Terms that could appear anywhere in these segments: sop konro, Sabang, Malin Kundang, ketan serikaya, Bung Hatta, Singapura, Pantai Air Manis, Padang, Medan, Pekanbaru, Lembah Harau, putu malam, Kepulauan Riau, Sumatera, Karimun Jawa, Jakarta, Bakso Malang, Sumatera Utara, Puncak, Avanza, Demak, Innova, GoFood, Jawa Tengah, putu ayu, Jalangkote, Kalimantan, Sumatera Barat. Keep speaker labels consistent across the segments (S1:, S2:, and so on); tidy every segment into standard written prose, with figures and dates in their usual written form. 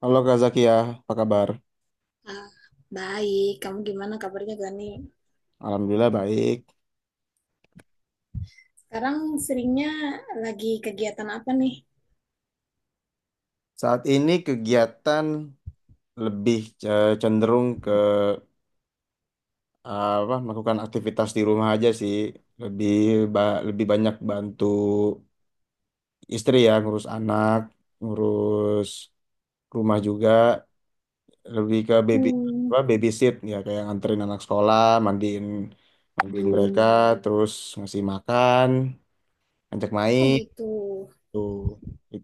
S1: Halo Kak Zakia, apa kabar?
S2: Ah, baik, kamu gimana kabarnya Gani?
S1: Alhamdulillah baik.
S2: Sekarang seringnya lagi kegiatan apa nih?
S1: Saat ini kegiatan lebih cenderung ke apa melakukan aktivitas di rumah aja sih. Lebih lebih banyak bantu istri ya, ngurus anak, ngurus rumah juga, lebih ke baby
S2: Hmm,
S1: apa babysit ya kayak nganterin anak sekolah, mandiin mandiin mereka, terus ngasih makan, ajak main
S2: oh gitu.
S1: tuh.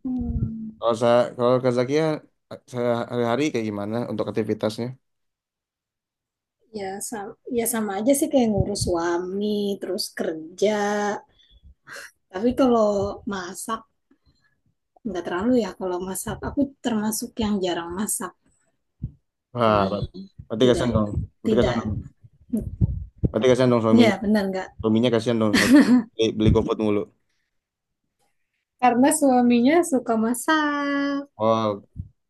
S2: Hmm,
S1: Kalau saya, kalau Kak Zakia, saya hari-hari kayak gimana untuk aktivitasnya?
S2: ya, sama, ya sama aja sih kayak ngurus suami, terus kerja. Tapi kalau masak nggak terlalu ya. Kalau masak aku termasuk yang jarang masak.
S1: Wah,
S2: Nah,
S1: berarti kasihan
S2: tidak,
S1: dong. Berarti kasihan
S2: tidak.
S1: dong. Berarti kasihan dong suaminya.
S2: Ya benar nggak?
S1: Suaminya kasihan dong harus beli, beli GoFood mulu.
S2: Karena suaminya suka masak.
S1: Oh,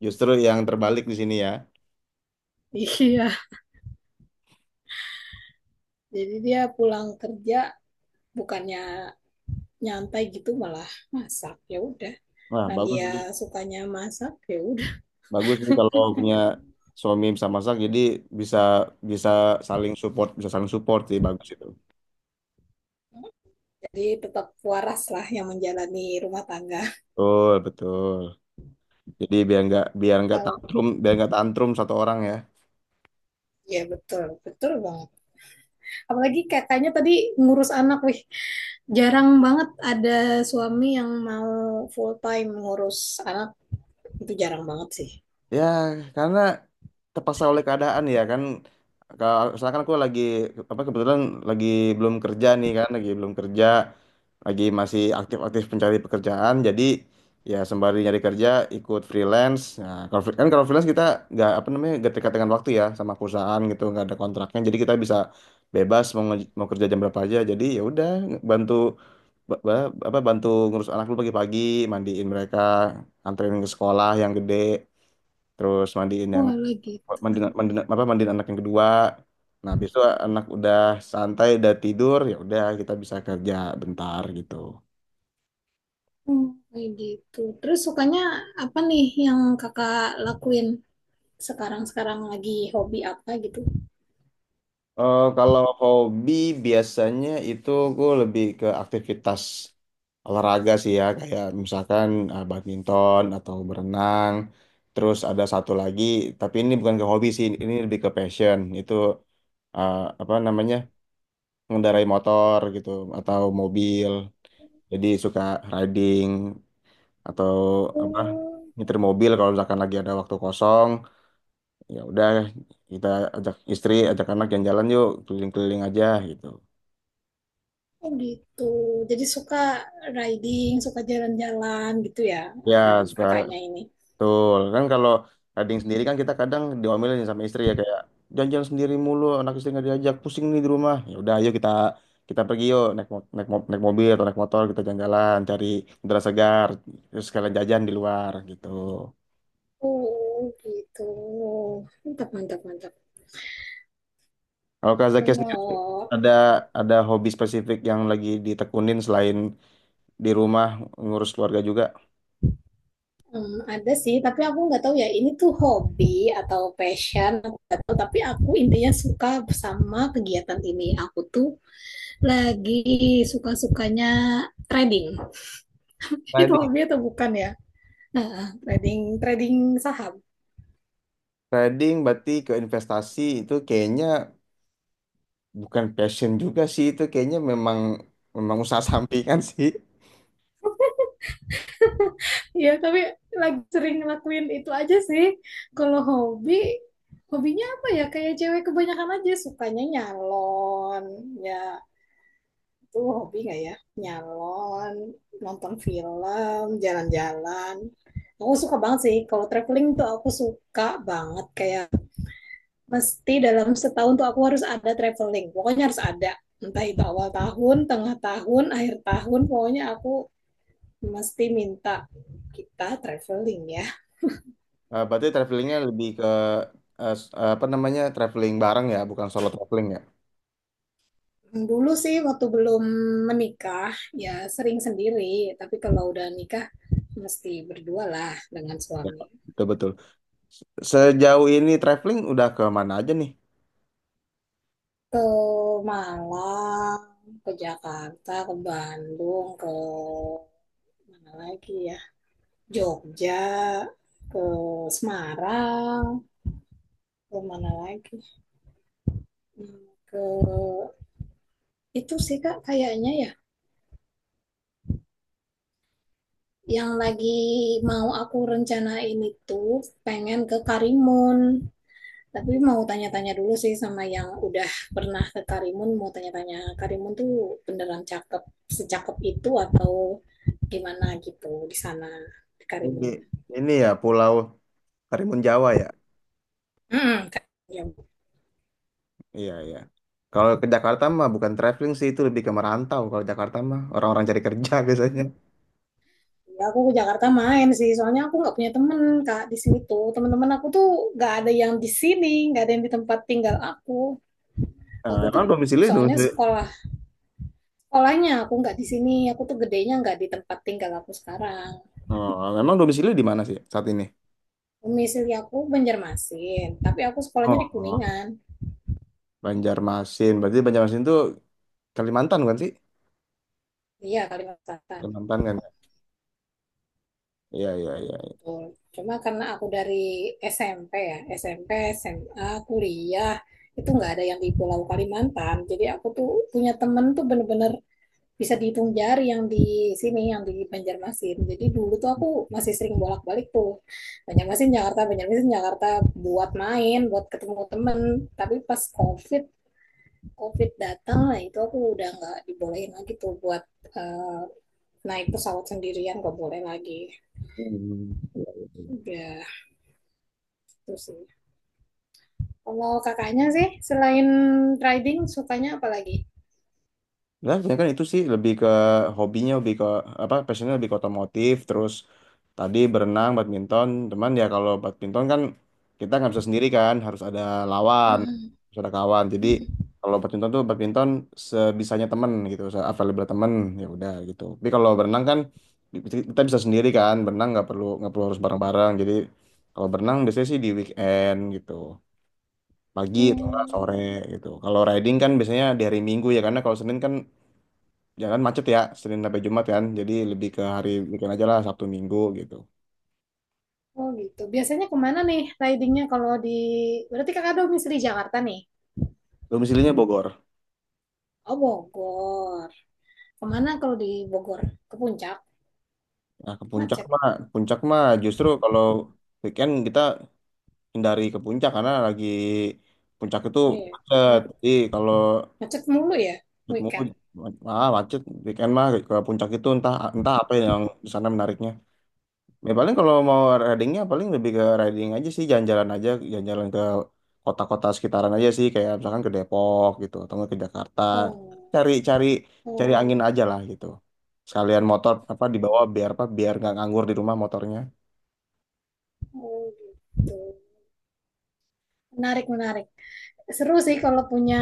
S1: justru yang terbalik di sini ya.
S2: Iya. Jadi dia pulang kerja bukannya nyantai gitu malah masak, ya udah,
S1: Wah,
S2: nah
S1: bagus sih.
S2: dia sukanya masak ya udah,
S1: Bagus sih kalau punya suami bisa masak jadi bisa bisa bisa saling support sih bagus itu.
S2: jadi tetap waras lah yang menjalani rumah tangga.
S1: Betul, betul. Jadi
S2: Kalau
S1: biar nggak tantrum satu orang ya.
S2: ya betul betul banget, apalagi katanya tadi ngurus anak, wih jarang banget ada suami yang mau full time ngurus anak, itu jarang banget sih.
S1: Ya, karena terpaksa oleh keadaan ya kan. Kalau misalkan aku lagi apa kebetulan lagi belum kerja nih kan, lagi belum kerja, lagi masih aktif-aktif pencari pekerjaan. Jadi ya sembari nyari kerja ikut freelance. Nah, kalau kan kalau freelance kita nggak apa namanya nggak terikat dengan waktu ya sama perusahaan gitu, nggak ada kontraknya. Jadi kita bisa bebas mau mau kerja jam berapa aja. Jadi ya udah bantu apa bantu ngurus anak lu pagi-pagi, mandiin mereka, anterin ke sekolah yang gede terus mandiin yang
S2: Oh lagi gitu,
S1: mandiin, mandiin apa mandiin anak yang kedua nah besok anak udah santai udah tidur ya udah kita bisa kerja bentar gitu.
S2: kayak gitu terus, sukanya apa nih yang kakak lakuin sekarang-sekarang, lagi hobi apa gitu?
S1: Kalau hobi biasanya itu gue lebih ke aktivitas olahraga sih ya kayak misalkan badminton atau berenang terus ada satu lagi tapi ini bukan ke hobi sih ini lebih ke passion itu eh, apa namanya mengendarai motor gitu atau mobil jadi suka riding atau apa
S2: Hmm,
S1: nyetir mobil kalau misalkan lagi ada waktu kosong ya udah kita ajak istri ajak anak jalan-jalan yuk keliling-keliling aja gitu
S2: oh gitu. Jadi suka riding, suka jalan-jalan gitu ya,
S1: ya
S2: anu,
S1: suka
S2: kakaknya ini.
S1: betul kan kalau kadang sendiri kan kita kadang diomelin sama istri ya kayak jalan-jalan sendiri mulu anak istri nggak diajak pusing nih di rumah ya udah ayo kita kita pergi yuk naik naik, naik mobil atau naik motor kita jalan-jalan cari udara segar terus sekalian jajan di luar gitu.
S2: Oh gitu. Mantap, mantap, mantap.
S1: Kalau Kak Zakia sendiri
S2: Kalau
S1: ada ada hobi spesifik yang lagi ditekunin selain di rumah ngurus keluarga juga?
S2: ada sih, tapi aku nggak tahu ya ini tuh hobi atau passion, aku nggak tahu. Tapi aku intinya suka sama kegiatan ini. Aku tuh lagi suka-sukanya trading. Itu
S1: Trading.
S2: hobi atau bukan ya? Nah, trading, trading saham.
S1: Trading berarti ke investasi itu kayaknya bukan passion juga sih itu kayaknya memang memang usaha sampingan sih.
S2: Iya, tapi lagi sering ngelakuin itu aja sih. Kalau hobi, hobinya apa ya? Kayak cewek kebanyakan aja sukanya nyalon. Ya, itu hobi nggak ya? Nyalon, nonton film, jalan-jalan. Aku suka banget sih. Kalau traveling tuh aku suka banget. Kayak mesti dalam setahun tuh aku harus ada traveling. Pokoknya harus ada. Entah itu awal tahun, tengah tahun, akhir tahun. Pokoknya aku mesti minta kita traveling ya.
S1: Berarti travelingnya lebih ke apa namanya traveling bareng ya, bukan solo traveling ya?
S2: Dulu sih waktu belum menikah ya sering sendiri, tapi kalau udah nikah mesti berdua lah dengan
S1: Ya,
S2: suami.
S1: betul-betul. Sejauh ini traveling udah ke mana aja nih?
S2: Ke Malang, ke Jakarta, ke Bandung, ke mana lagi ya? Jogja, ke Semarang, ke mana lagi? Ke itu sih Kak kayaknya ya. Yang lagi mau aku rencanain itu pengen ke Karimun. Tapi mau tanya-tanya dulu sih sama yang udah pernah ke Karimun, mau tanya-tanya Karimun tuh beneran cakep, secakep itu atau gimana gitu di sana, di
S1: Ini
S2: Karimun.
S1: ini ya Pulau Karimun Jawa ya.
S2: Hmm, ya,
S1: Iya, iya. Kalau ke Jakarta mah bukan traveling sih, itu lebih ke merantau. Kalau Jakarta mah orang-orang cari kerja biasanya.
S2: ya, aku ke Jakarta main sih, soalnya aku nggak punya temen Kak di sini tuh. Teman-teman aku tuh nggak ada yang di sini, nggak ada yang di tempat tinggal aku.
S1: Eh,
S2: Aku tuh
S1: emang domisili,
S2: soalnya
S1: domisili.
S2: sekolahnya aku nggak di sini, aku tuh gedenya nggak di tempat tinggal aku sekarang.
S1: Oh, emang domisili di mana sih saat ini?
S2: Domisili aku Banjarmasin, tapi aku sekolahnya di
S1: Oh,
S2: Kuningan.
S1: Banjarmasin. Berarti Banjarmasin itu Kalimantan kan sih?
S2: Iya, Kalimantan Selatan.
S1: Kalimantan kan? Ya? Iya, iya, iya.
S2: Betul. Cuma karena aku dari SMP ya, SMP, SMA, kuliah, itu nggak ada yang di Pulau Kalimantan. Jadi aku tuh punya temen tuh bener-bener bisa dihitung jari yang di sini, yang di Banjarmasin. Jadi dulu tuh aku masih sering bolak-balik tuh. Banjarmasin, Jakarta, Banjarmasin, Jakarta buat main, buat ketemu temen. Tapi pas COVID datang, nah itu aku udah nggak dibolehin lagi tuh buat eh, naik pesawat sendirian, nggak boleh lagi.
S1: Hmm. Iya, iya.
S2: Udah. Itu sih. Kalau kakaknya sih, selain riding, sukanya apa lagi?
S1: Nah, sebenarnya kan itu sih lebih ke hobinya, lebih ke apa passionnya lebih ke otomotif, terus tadi berenang, badminton. Cuman ya kalau badminton kan kita nggak bisa sendiri kan, harus ada lawan,
S2: Mm.
S1: harus ada kawan. Jadi kalau badminton tuh badminton sebisanya temen gitu, available temen ya udah gitu. Tapi kalau berenang kan bi- kita bisa sendiri kan, berenang nggak perlu harus bareng-bareng. Jadi kalau berenang biasanya sih di weekend gitu, pagi atau nggak
S2: Hmm,
S1: sore gitu. Kalau riding kan biasanya di hari Minggu ya, karena kalau Senin kan Jangan macet ya, Senin sampai Jumat kan. Jadi lebih ke hari weekend aja lah, Sabtu Minggu gitu.
S2: oh gitu. Biasanya kemana nih ridingnya kalau di... Berarti kakak domisili Jakarta nih?
S1: Domisilinya Bogor.
S2: Oh, Bogor. Kemana kalau di Bogor? Ke Puncak?
S1: Nah, ke
S2: Macet.
S1: puncak mah justru kalau weekend kita hindari ke puncak karena lagi puncak itu
S2: Iya, ya.
S1: macet.
S2: Ma-
S1: Jadi kalau
S2: Macet mulu ya
S1: macet mulu,
S2: weekend.
S1: ah, macet weekend mah ke puncak itu entah entah apa yang di sana menariknya. Ya paling kalau mau ridingnya paling lebih ke riding aja sih jalan-jalan aja jalan-jalan ke kota-kota sekitaran aja sih kayak misalkan ke Depok gitu atau nggak ke Jakarta
S2: Oh,
S1: cari-cari cari
S2: oh.
S1: angin aja lah gitu sekalian motor apa dibawa
S2: Mm.
S1: biar apa biar nggak nganggur di rumah motornya
S2: Oh gitu. Menarik, menarik. Seru sih kalau punya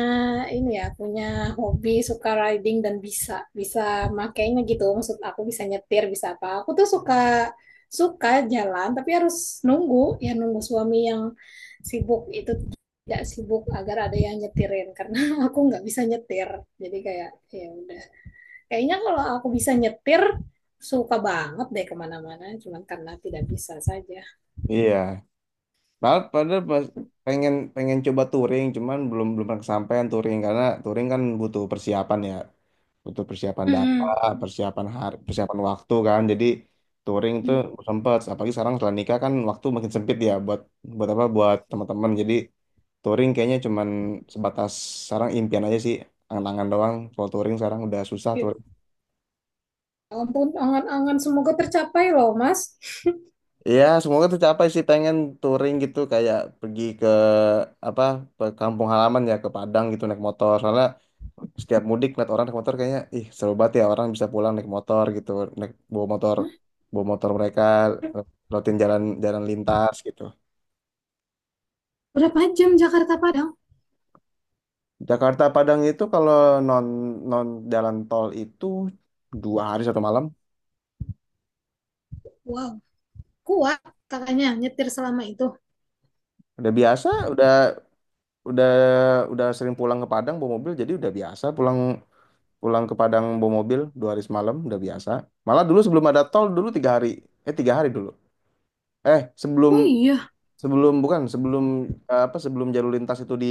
S2: ini ya, punya hobi suka riding dan bisa bisa makainya gitu. Maksud aku bisa nyetir, bisa apa. Aku tuh suka suka jalan tapi harus nunggu, ya nunggu suami yang sibuk itu tidak sibuk agar ada yang nyetirin karena aku nggak bisa nyetir. Jadi kayak ya udah. Kayaknya kalau aku bisa nyetir suka banget deh kemana-mana cuman karena tidak bisa saja.
S1: iya padahal padahal pengen pengen coba touring cuman belum belum pernah kesampaian touring karena touring kan butuh persiapan ya butuh persiapan data,
S2: Mm-mm.
S1: persiapan hari, persiapan waktu kan. Jadi touring tuh
S2: Mm.
S1: sempet. Apalagi sekarang setelah nikah kan waktu makin sempit ya buat buat apa buat teman-teman. Jadi touring kayaknya cuman sebatas sekarang impian aja sih, angan-angan doang. Kalau touring sekarang udah susah.
S2: Yuk, ampun, angan-angan semoga tercapai loh, Mas.
S1: Ya, semoga tercapai sih pengen touring gitu kayak pergi ke apa ke kampung halaman ya ke Padang gitu naik motor. Soalnya setiap mudik lihat orang naik motor kayaknya ih seru banget ya orang bisa pulang naik motor gitu, naik
S2: Hah?
S1: bawa motor mereka lewatin jalan jalan lintas gitu.
S2: Berapa jam Jakarta Padang?
S1: Jakarta Padang itu kalau non non jalan tol itu dua hari satu malam.
S2: Wow, kuat kakaknya nyetir selama itu.
S1: Udah biasa, udah udah udah sering pulang ke Padang bawa mobil jadi udah biasa pulang pulang ke Padang bawa mobil dua hari semalam udah biasa malah dulu sebelum ada tol dulu tiga hari tiga hari dulu sebelum
S2: Oh iya.
S1: sebelum bukan sebelum apa sebelum jalur lintas itu di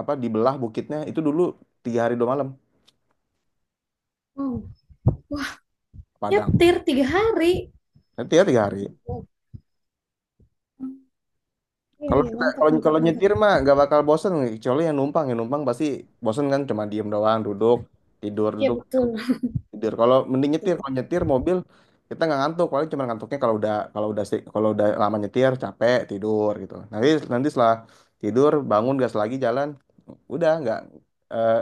S1: apa dibelah bukitnya itu dulu tiga hari dua malam
S2: Wow, wah,
S1: ke Padang
S2: nyetir 3 hari.
S1: nanti ya tiga hari
S2: Wow. Iya,
S1: kalau
S2: iya
S1: kita
S2: mantap,
S1: kalau
S2: mantap,
S1: kalau
S2: mantap.
S1: nyetir mah nggak bakal bosen kecuali yang numpang pasti bosen kan cuma diem doang duduk tidur
S2: Iya
S1: duduk
S2: betul.
S1: tidur. Kalau mending nyetir,
S2: Betul.
S1: kalau nyetir mobil kita nggak ngantuk, paling cuma ngantuknya kalau udah kalau udah kalau udah lama nyetir capek tidur gitu. Nanti nanti setelah tidur bangun gas lagi jalan, udah nggak eh,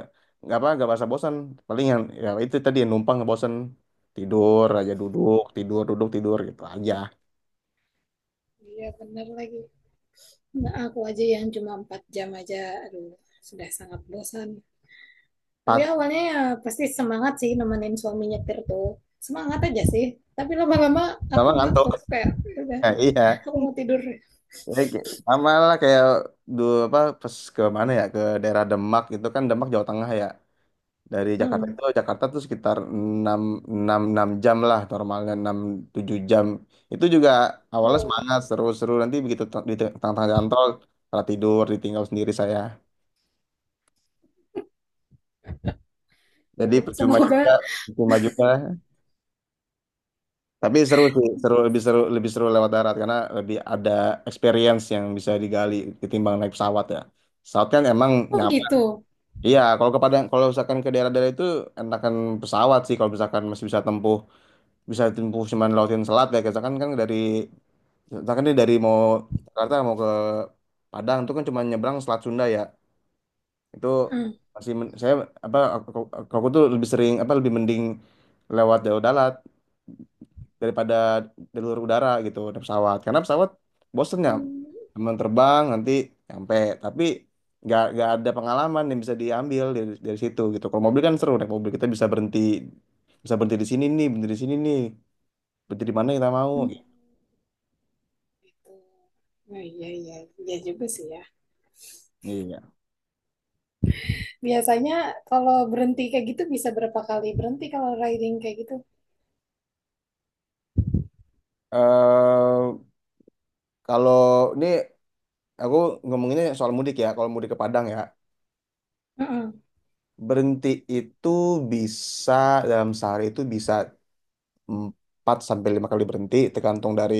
S1: nggak apa nggak merasa bosan. Paling yang ya itu tadi yang numpang bosan tidur aja duduk tidur gitu aja.
S2: Iya benar lagi. Nah, aku aja yang cuma 4 jam aja, aduh sudah sangat bosan. Tapi
S1: Pat,
S2: awalnya ya pasti semangat sih nemenin suami nyetir tuh. Semangat aja sih. Tapi lama-lama aku
S1: lama ngantuk.
S2: ngantuk kayak "Ya udah
S1: Nah, iya.
S2: aku mau tidur."
S1: Ya, kayak- sama lah kayak dulu apa pas ke mana ya ke daerah Demak gitu kan Demak Jawa Tengah ya. Dari Jakarta
S2: Hmm.
S1: itu Jakarta tuh sekitar 6, 6, 6 jam lah normalnya 6, 7 jam. Itu juga awalnya
S2: Oh,
S1: semangat seru-seru nanti begitu tengah-tengah jalan tol malah tidur ditinggal sendiri saya.
S2: ya
S1: Jadi percuma
S2: semoga.
S1: juga, percuma juga. Tapi seru sih, seru lebih seru lebih seru lewat darat karena lebih ada experience yang bisa digali ketimbang naik pesawat ya. Pesawat kan emang
S2: Oh
S1: nyaman.
S2: gitu.
S1: Iya, kalau ke Padang, kalau misalkan ke daerah-daerah itu enakan pesawat sih kalau misalkan masih bisa tempuh cuman lautin selat ya kita kan kan dari kita kan ini dari mau Jakarta mau ke Padang itu kan cuma nyebrang selat Sunda ya itu
S2: Hmm.
S1: masih saya apa aku tuh lebih sering apa lebih mending lewat jalur darat daripada jalur udara gitu naik pesawat karena pesawat bosennya
S2: Hmm.
S1: teman terbang nanti nyampe tapi nggak ada pengalaman yang bisa diambil dari situ gitu kalau mobil kan seru naik mobil kita bisa berhenti di sini nih berhenti di sini nih berhenti di mana kita mau.
S2: Gitu. Nah, iya, iya, iya juga sih ya.
S1: Iya.
S2: Biasanya kalau berhenti kayak gitu bisa berapa kali berhenti kalau riding kayak gitu?
S1: Eh kalau ini aku ngomonginnya soal mudik ya. Kalau mudik ke Padang ya,
S2: Mm-mm.
S1: berhenti itu bisa dalam sehari itu bisa 4 sampai 5 kali berhenti tergantung dari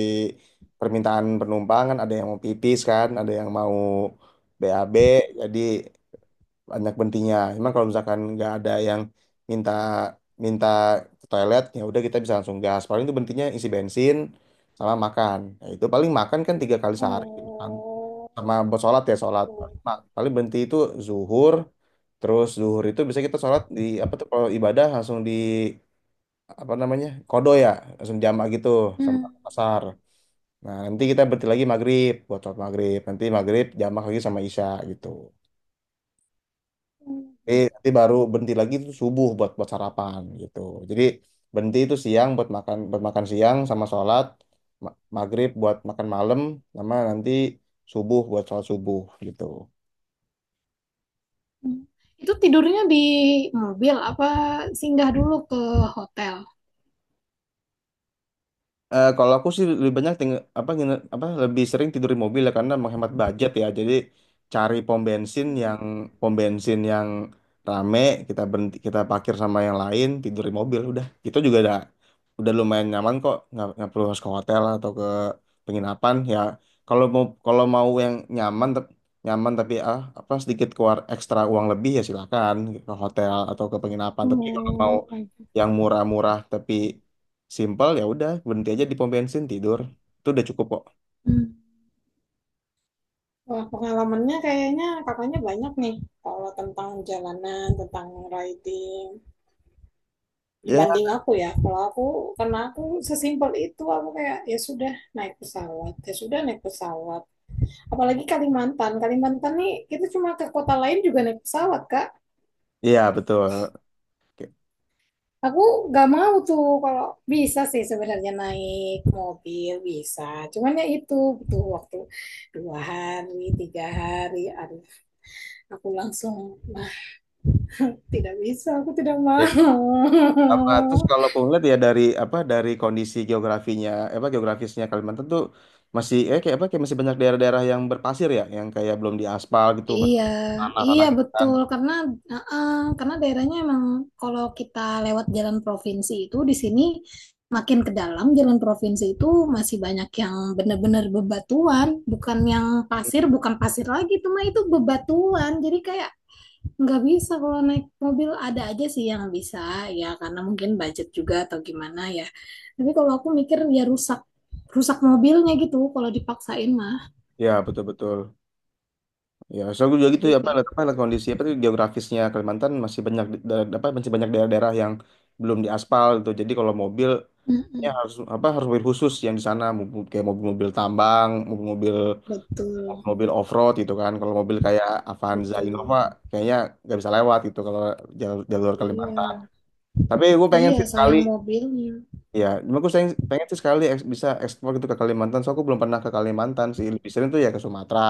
S1: permintaan penumpang kan ada yang mau pipis kan, ada yang mau BAB jadi banyak berhentinya. Cuman kalau misalkan nggak ada yang minta minta ke toilet ya udah kita bisa langsung gas. Paling itu berhentinya isi bensin sama makan. Ya, itu paling makan kan tiga kali sehari.
S2: Oh,
S1: Sama buat sholat ya sholat
S2: oh.
S1: nah paling berhenti itu zuhur terus zuhur itu bisa kita sholat di apa tuh kalau ibadah langsung di apa namanya kodo ya langsung jamak gitu sama
S2: Hmm.
S1: asar nah nanti kita berhenti lagi maghrib buat sholat maghrib nanti maghrib jamak lagi sama isya gitu
S2: Hmm,
S1: jadi
S2: gitu.
S1: nanti baru berhenti lagi itu subuh buat buat sarapan gitu jadi berhenti itu siang buat makan siang sama sholat maghrib buat makan malam sama nanti subuh buat sholat subuh gitu.
S2: Hmm. Itu tidurnya di mobil apa singgah dulu ke hotel?
S1: Kalau aku sih lebih banyak apa apa lebih sering tidur di mobil ya karena menghemat budget ya. Jadi cari
S2: Hmm.
S1: pom bensin yang rame kita berhenti kita parkir sama yang lain tidur di mobil udah. Itu juga udah lumayan nyaman kok nggak perlu harus ke hotel atau ke penginapan ya. Kalau mau yang nyaman nyaman tapi ah apa sedikit keluar ekstra uang lebih ya silakan ke hotel atau ke penginapan. Tapi kalau mau
S2: Oh, baik.
S1: yang murah-murah tapi simpel ya udah berhenti aja di pom bensin tidur. Itu udah cukup kok.
S2: Hmm. Wah, pengalamannya kayaknya kakaknya banyak nih. Kalau tentang jalanan, tentang riding.
S1: Ya.
S2: Dibanding aku ya, kalau aku, karena aku sesimpel itu aku kayak ya sudah naik pesawat, ya sudah naik pesawat. Apalagi Kalimantan, Kalimantan nih, kita cuma ke kota lain juga naik pesawat Kak.
S1: Iya betul. Oke.
S2: Aku gak mau tuh, kalau bisa sih sebenarnya naik mobil bisa cuman ya itu butuh waktu 2 hari 3 hari, aduh aku langsung, nah tidak bisa, aku tidak mau.
S1: Ya. Sama terus kalau aku ngeliat ya dari apa dari kondisi geografinya apa geografisnya Kalimantan tuh masih kayak apa kayak masih banyak daerah-daerah yang berpasir ya yang kayak belum diaspal gitu masih
S2: Iya,
S1: tanah-tanah
S2: iya
S1: gitu kan.
S2: betul karena heeh, karena daerahnya emang, kalau kita lewat jalan provinsi itu di sini, makin ke dalam jalan provinsi itu masih banyak yang benar-benar bebatuan, bukan yang pasir, bukan pasir lagi itu mah itu bebatuan. Jadi kayak nggak bisa kalau naik mobil, ada aja sih yang bisa, ya karena mungkin budget juga atau gimana ya. Tapi kalau aku mikir ya rusak rusak mobilnya gitu kalau dipaksain mah.
S1: Ya betul-betul. Ya, soalnya gue juga gitu ya
S2: Jadi,
S1: apa, lihat kondisi apa tuh geografisnya Kalimantan masih banyak apa masih banyak daerah-daerah yang belum diaspal gitu. Jadi kalau mobil
S2: mm-mm,
S1: ya, harus apa harus mobil khusus yang di sana mobil- kayak mobil-mobil tambang, mobil-mobil
S2: betul.
S1: mobil off-road gitu kan. Kalau mobil kayak Avanza Innova
S2: Betul.
S1: kayaknya nggak bisa lewat gitu kalau jalur, jalur Kalimantan.
S2: Iya.
S1: Tapi gue pengen
S2: Iya,
S1: sih sekali
S2: sayang mobilnya.
S1: ya, cuma gue pengen sih sekali bisa ekspor gitu ke Kalimantan. So aku belum pernah ke Kalimantan sih. Lebih sering tuh ya ke Sumatera.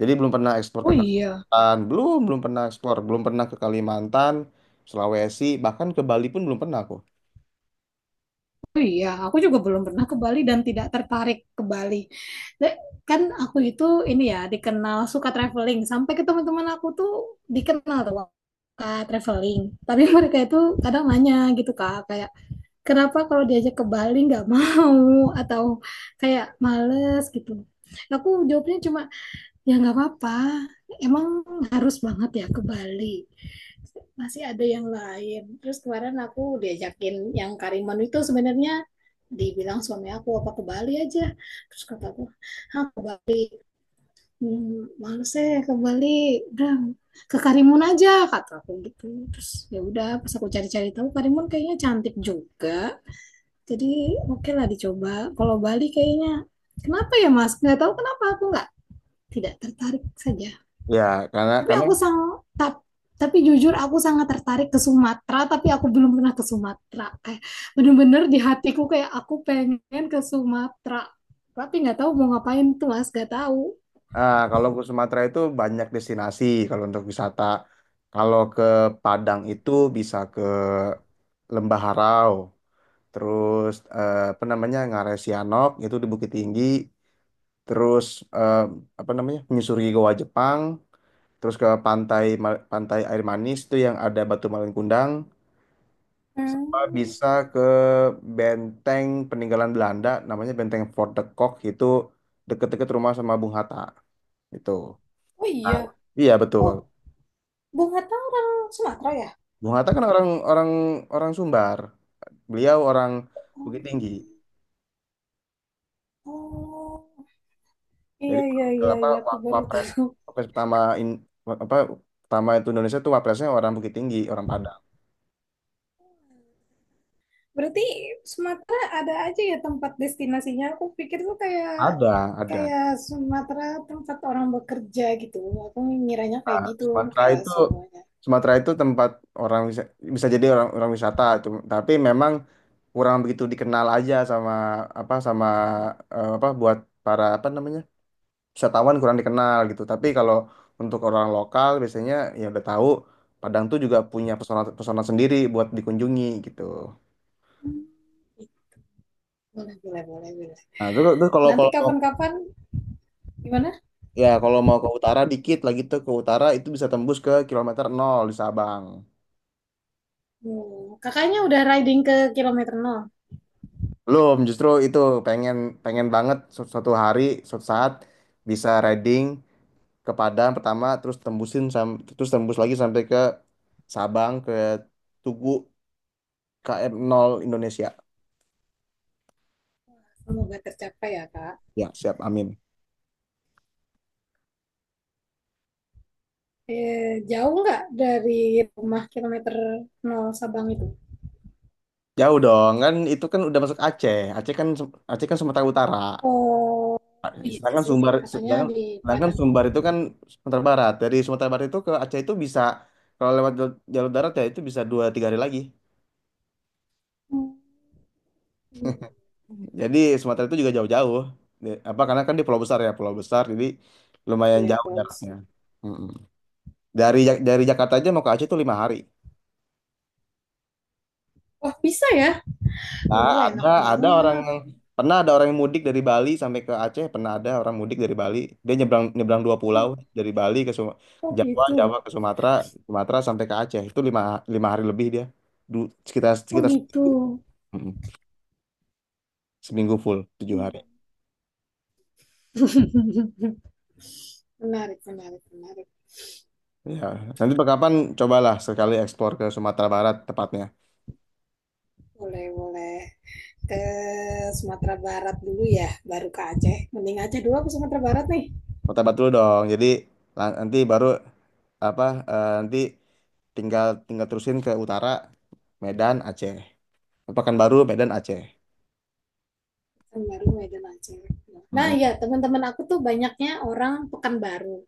S1: Jadi belum pernah ekspor ke
S2: Oh iya,
S1: Kalimantan. Belum, belum pernah ekspor, belum pernah ke Kalimantan, Sulawesi, bahkan ke Bali pun belum pernah aku.
S2: oh iya. Aku juga belum pernah ke Bali dan tidak tertarik ke Bali. Le- Kan aku itu ini ya dikenal suka traveling. Sampai ke teman-teman aku tuh dikenal tuh suka traveling. Tapi mereka itu kadang nanya gitu, Kak, kayak kenapa kalau diajak ke Bali nggak mau, atau kayak males gitu. Aku jawabnya cuma, "Ya nggak apa-apa. Emang harus banget ya ke Bali? Masih ada yang lain." Terus kemarin aku diajakin yang Karimun itu, sebenarnya dibilang suami aku apa ke Bali aja. Terus kata aku, "Ah ke Bali. Hmm, males eh ke Bali. Udah ke Karimun aja," kata aku gitu. Terus ya udah pas aku cari-cari tahu Karimun kayaknya cantik juga. Jadi oke lah dicoba. Kalau Bali kayaknya kenapa ya Mas? Nggak tahu kenapa aku nggak tidak tertarik saja.
S1: Ya, karena
S2: Tapi
S1: karena
S2: aku sang tap- tapi jujur aku sangat tertarik ke Sumatera, tapi aku belum pernah ke Sumatera. Kayak bener-bener di hatiku kayak aku pengen ke Sumatera. Tapi nggak tahu mau ngapain tuh, Mas, nggak tahu.
S1: ah, kalau ke Sumatera itu banyak destinasi kalau untuk wisata. Kalau ke Padang itu bisa ke Lembah Harau, terus apa namanya Ngarai Sianok itu di Bukit Tinggi, terus eh, apa namanya menyusuri Goa Jepang, terus ke pantai air manis itu yang ada batu malin kundang, sama
S2: Hmm.
S1: bisa ke benteng peninggalan Belanda namanya Benteng Fort de Kock itu deket-deket rumah sama Bung Hatta itu.
S2: Oh
S1: Nah,
S2: iya.
S1: iya betul.
S2: Oh, Bung Hatta orang Sumatera ya?
S1: Mengatakan kan orang orang orang Sumbar. Beliau orang
S2: Hmm.
S1: Bukit Tinggi.
S2: Oh, iya,
S1: Jadi
S2: iya, iya,
S1: apa
S2: iya. Aku baru
S1: wapres
S2: tahu.
S1: wapres pertama in, wa- apa pertama itu Indonesia itu wapresnya orang Bukit Tinggi, orang Padang.
S2: Berarti Sumatera ada aja ya tempat destinasinya. Aku pikir tuh kayak
S1: Ada, ada.
S2: kayak Sumatera tempat orang bekerja gitu. Aku ngiranya
S1: Nah,
S2: kayak gitu kayak semuanya.
S1: Sumatera itu tempat orang bisa jadi orang orang wisata itu, tapi memang kurang begitu dikenal aja sama apa sama apa buat para apa namanya wisatawan kurang dikenal gitu. Tapi kalau untuk orang lokal biasanya ya udah tahu Padang tuh juga punya pesona pesona sendiri buat dikunjungi gitu.
S2: Hmm, boleh, boleh, boleh, boleh.
S1: Nah, terus kalau
S2: Nanti
S1: kalau
S2: kapan-kapan gimana?
S1: ya kalau mau ke utara dikit lagi tuh ke utara itu bisa tembus ke kilometer nol di Sabang.
S2: Hmm, kakaknya udah riding ke kilometer 0.
S1: Belum, justru itu pengen pengen banget suatu hari suatu saat bisa riding ke Padang pertama terus terus tembus lagi sampai ke Sabang ke Tugu KM 0 Indonesia.
S2: Semoga tercapai ya, Kak.
S1: Ya, siap. Amin.
S2: Eh, jauh nggak dari rumah kilometer 0 Sabang itu?
S1: Jauh dong, kan itu kan udah masuk Aceh. Aceh kan Sumatera Utara.
S2: Oh, iya
S1: Sedangkan
S2: sih.
S1: Sumbar
S2: Kakaknya
S1: sedangkan,
S2: di
S1: sedangkan
S2: Padang.
S1: Sumbar itu kan Sumatera Barat. Dari Sumatera Barat itu ke Aceh itu bisa kalau lewat jalur darat ya itu bisa dua tiga hari lagi.
S2: Hmm.
S1: Jadi Sumatera itu juga jauh-jauh. Apa karena kan di pulau besar ya, pulau besar jadi lumayan
S2: Iya,
S1: jauh
S2: bagus.
S1: jaraknya. Mm-mm. Dari dari Jakarta aja mau ke Aceh itu lima hari.
S2: Wah, bisa ya?
S1: Nah,
S2: Enak
S1: ada orang
S2: banget.
S1: yang ada orang yang mudik dari Bali sampai ke Aceh, pernah ada orang mudik dari Bali. Dia nyebrang nyebrang dua pulau
S2: Oh,
S1: dari ke
S2: oh
S1: Jawa,
S2: gitu.
S1: Jawa ke Sumatera, Sumatera sampai ke Aceh. Itu lima hari lebih dia. Sekitar
S2: Oh
S1: sekitar
S2: gitu.
S1: seminggu. Mm-mm. Seminggu full, tujuh hari.
S2: Menarik, menarik, menarik.
S1: Ya, nanti kapan cobalah sekali eksplor ke Sumatera Barat tepatnya.
S2: Boleh, boleh. Ke Sumatera Barat dulu ya, baru ke Aceh. Mending Aceh dulu, aku Sumatera Barat nih.
S1: Sumatera Barat dulu dong. Jadi nanti baru apa nanti tinggal tinggal terusin ke utara Medan Aceh. Pekanbaru Medan Aceh.
S2: Kan Baru Medan Aceh. Nah,
S1: Heeh.
S2: ya teman-teman aku tuh banyaknya orang Pekanbaru.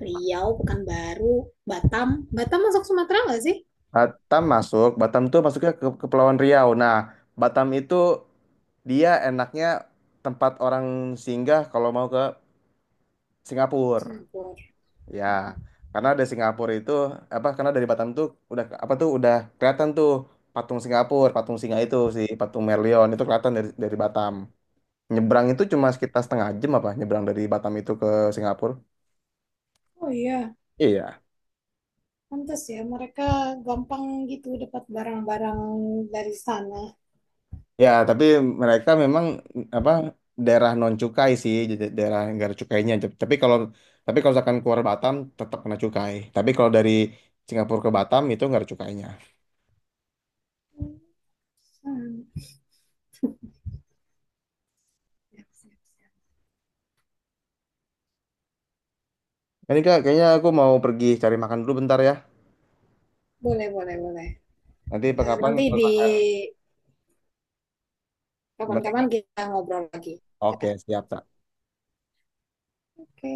S2: Riau, Pekanbaru, Batam. Batam masuk Sumatera nggak sih?
S1: Batam masuk, Batam tuh masuknya ke Kepulauan Riau. Nah, Batam itu dia enaknya tempat orang singgah kalau mau ke Singapura.
S2: Singapura.
S1: Ya, karena dari Singapura itu apa? Karena dari Batam tuh udah apa tuh udah kelihatan tuh patung Singapura, patung singa itu si patung Merlion itu kelihatan dari Batam. Nyebrang itu cuma sekitar setengah jam apa? Nyebrang dari Batam itu ke Singapura.
S2: Oh iya.
S1: Iya.
S2: Pantes ya, mereka gampang gitu dapat barang-barang dari sana.
S1: Ya, tapi mereka memang apa daerah non cukai sih, jadi daerah nggak ada cukainya. Tapi kalau misalkan keluar Batam tetap kena cukai. Tapi kalau dari Singapura ke Batam itu nggak ada cukainya.
S2: Hmm, siap, siap, siap.
S1: Ini Kak, kayaknya aku mau pergi cari makan dulu bentar ya.
S2: Boleh, boleh, boleh.
S1: Nanti
S2: Eh,
S1: pengkapan
S2: nanti
S1: kalau
S2: di
S1: gimana?
S2: kapan-kapan kita ngobrol lagi.
S1: Oke, siap.
S2: Oke.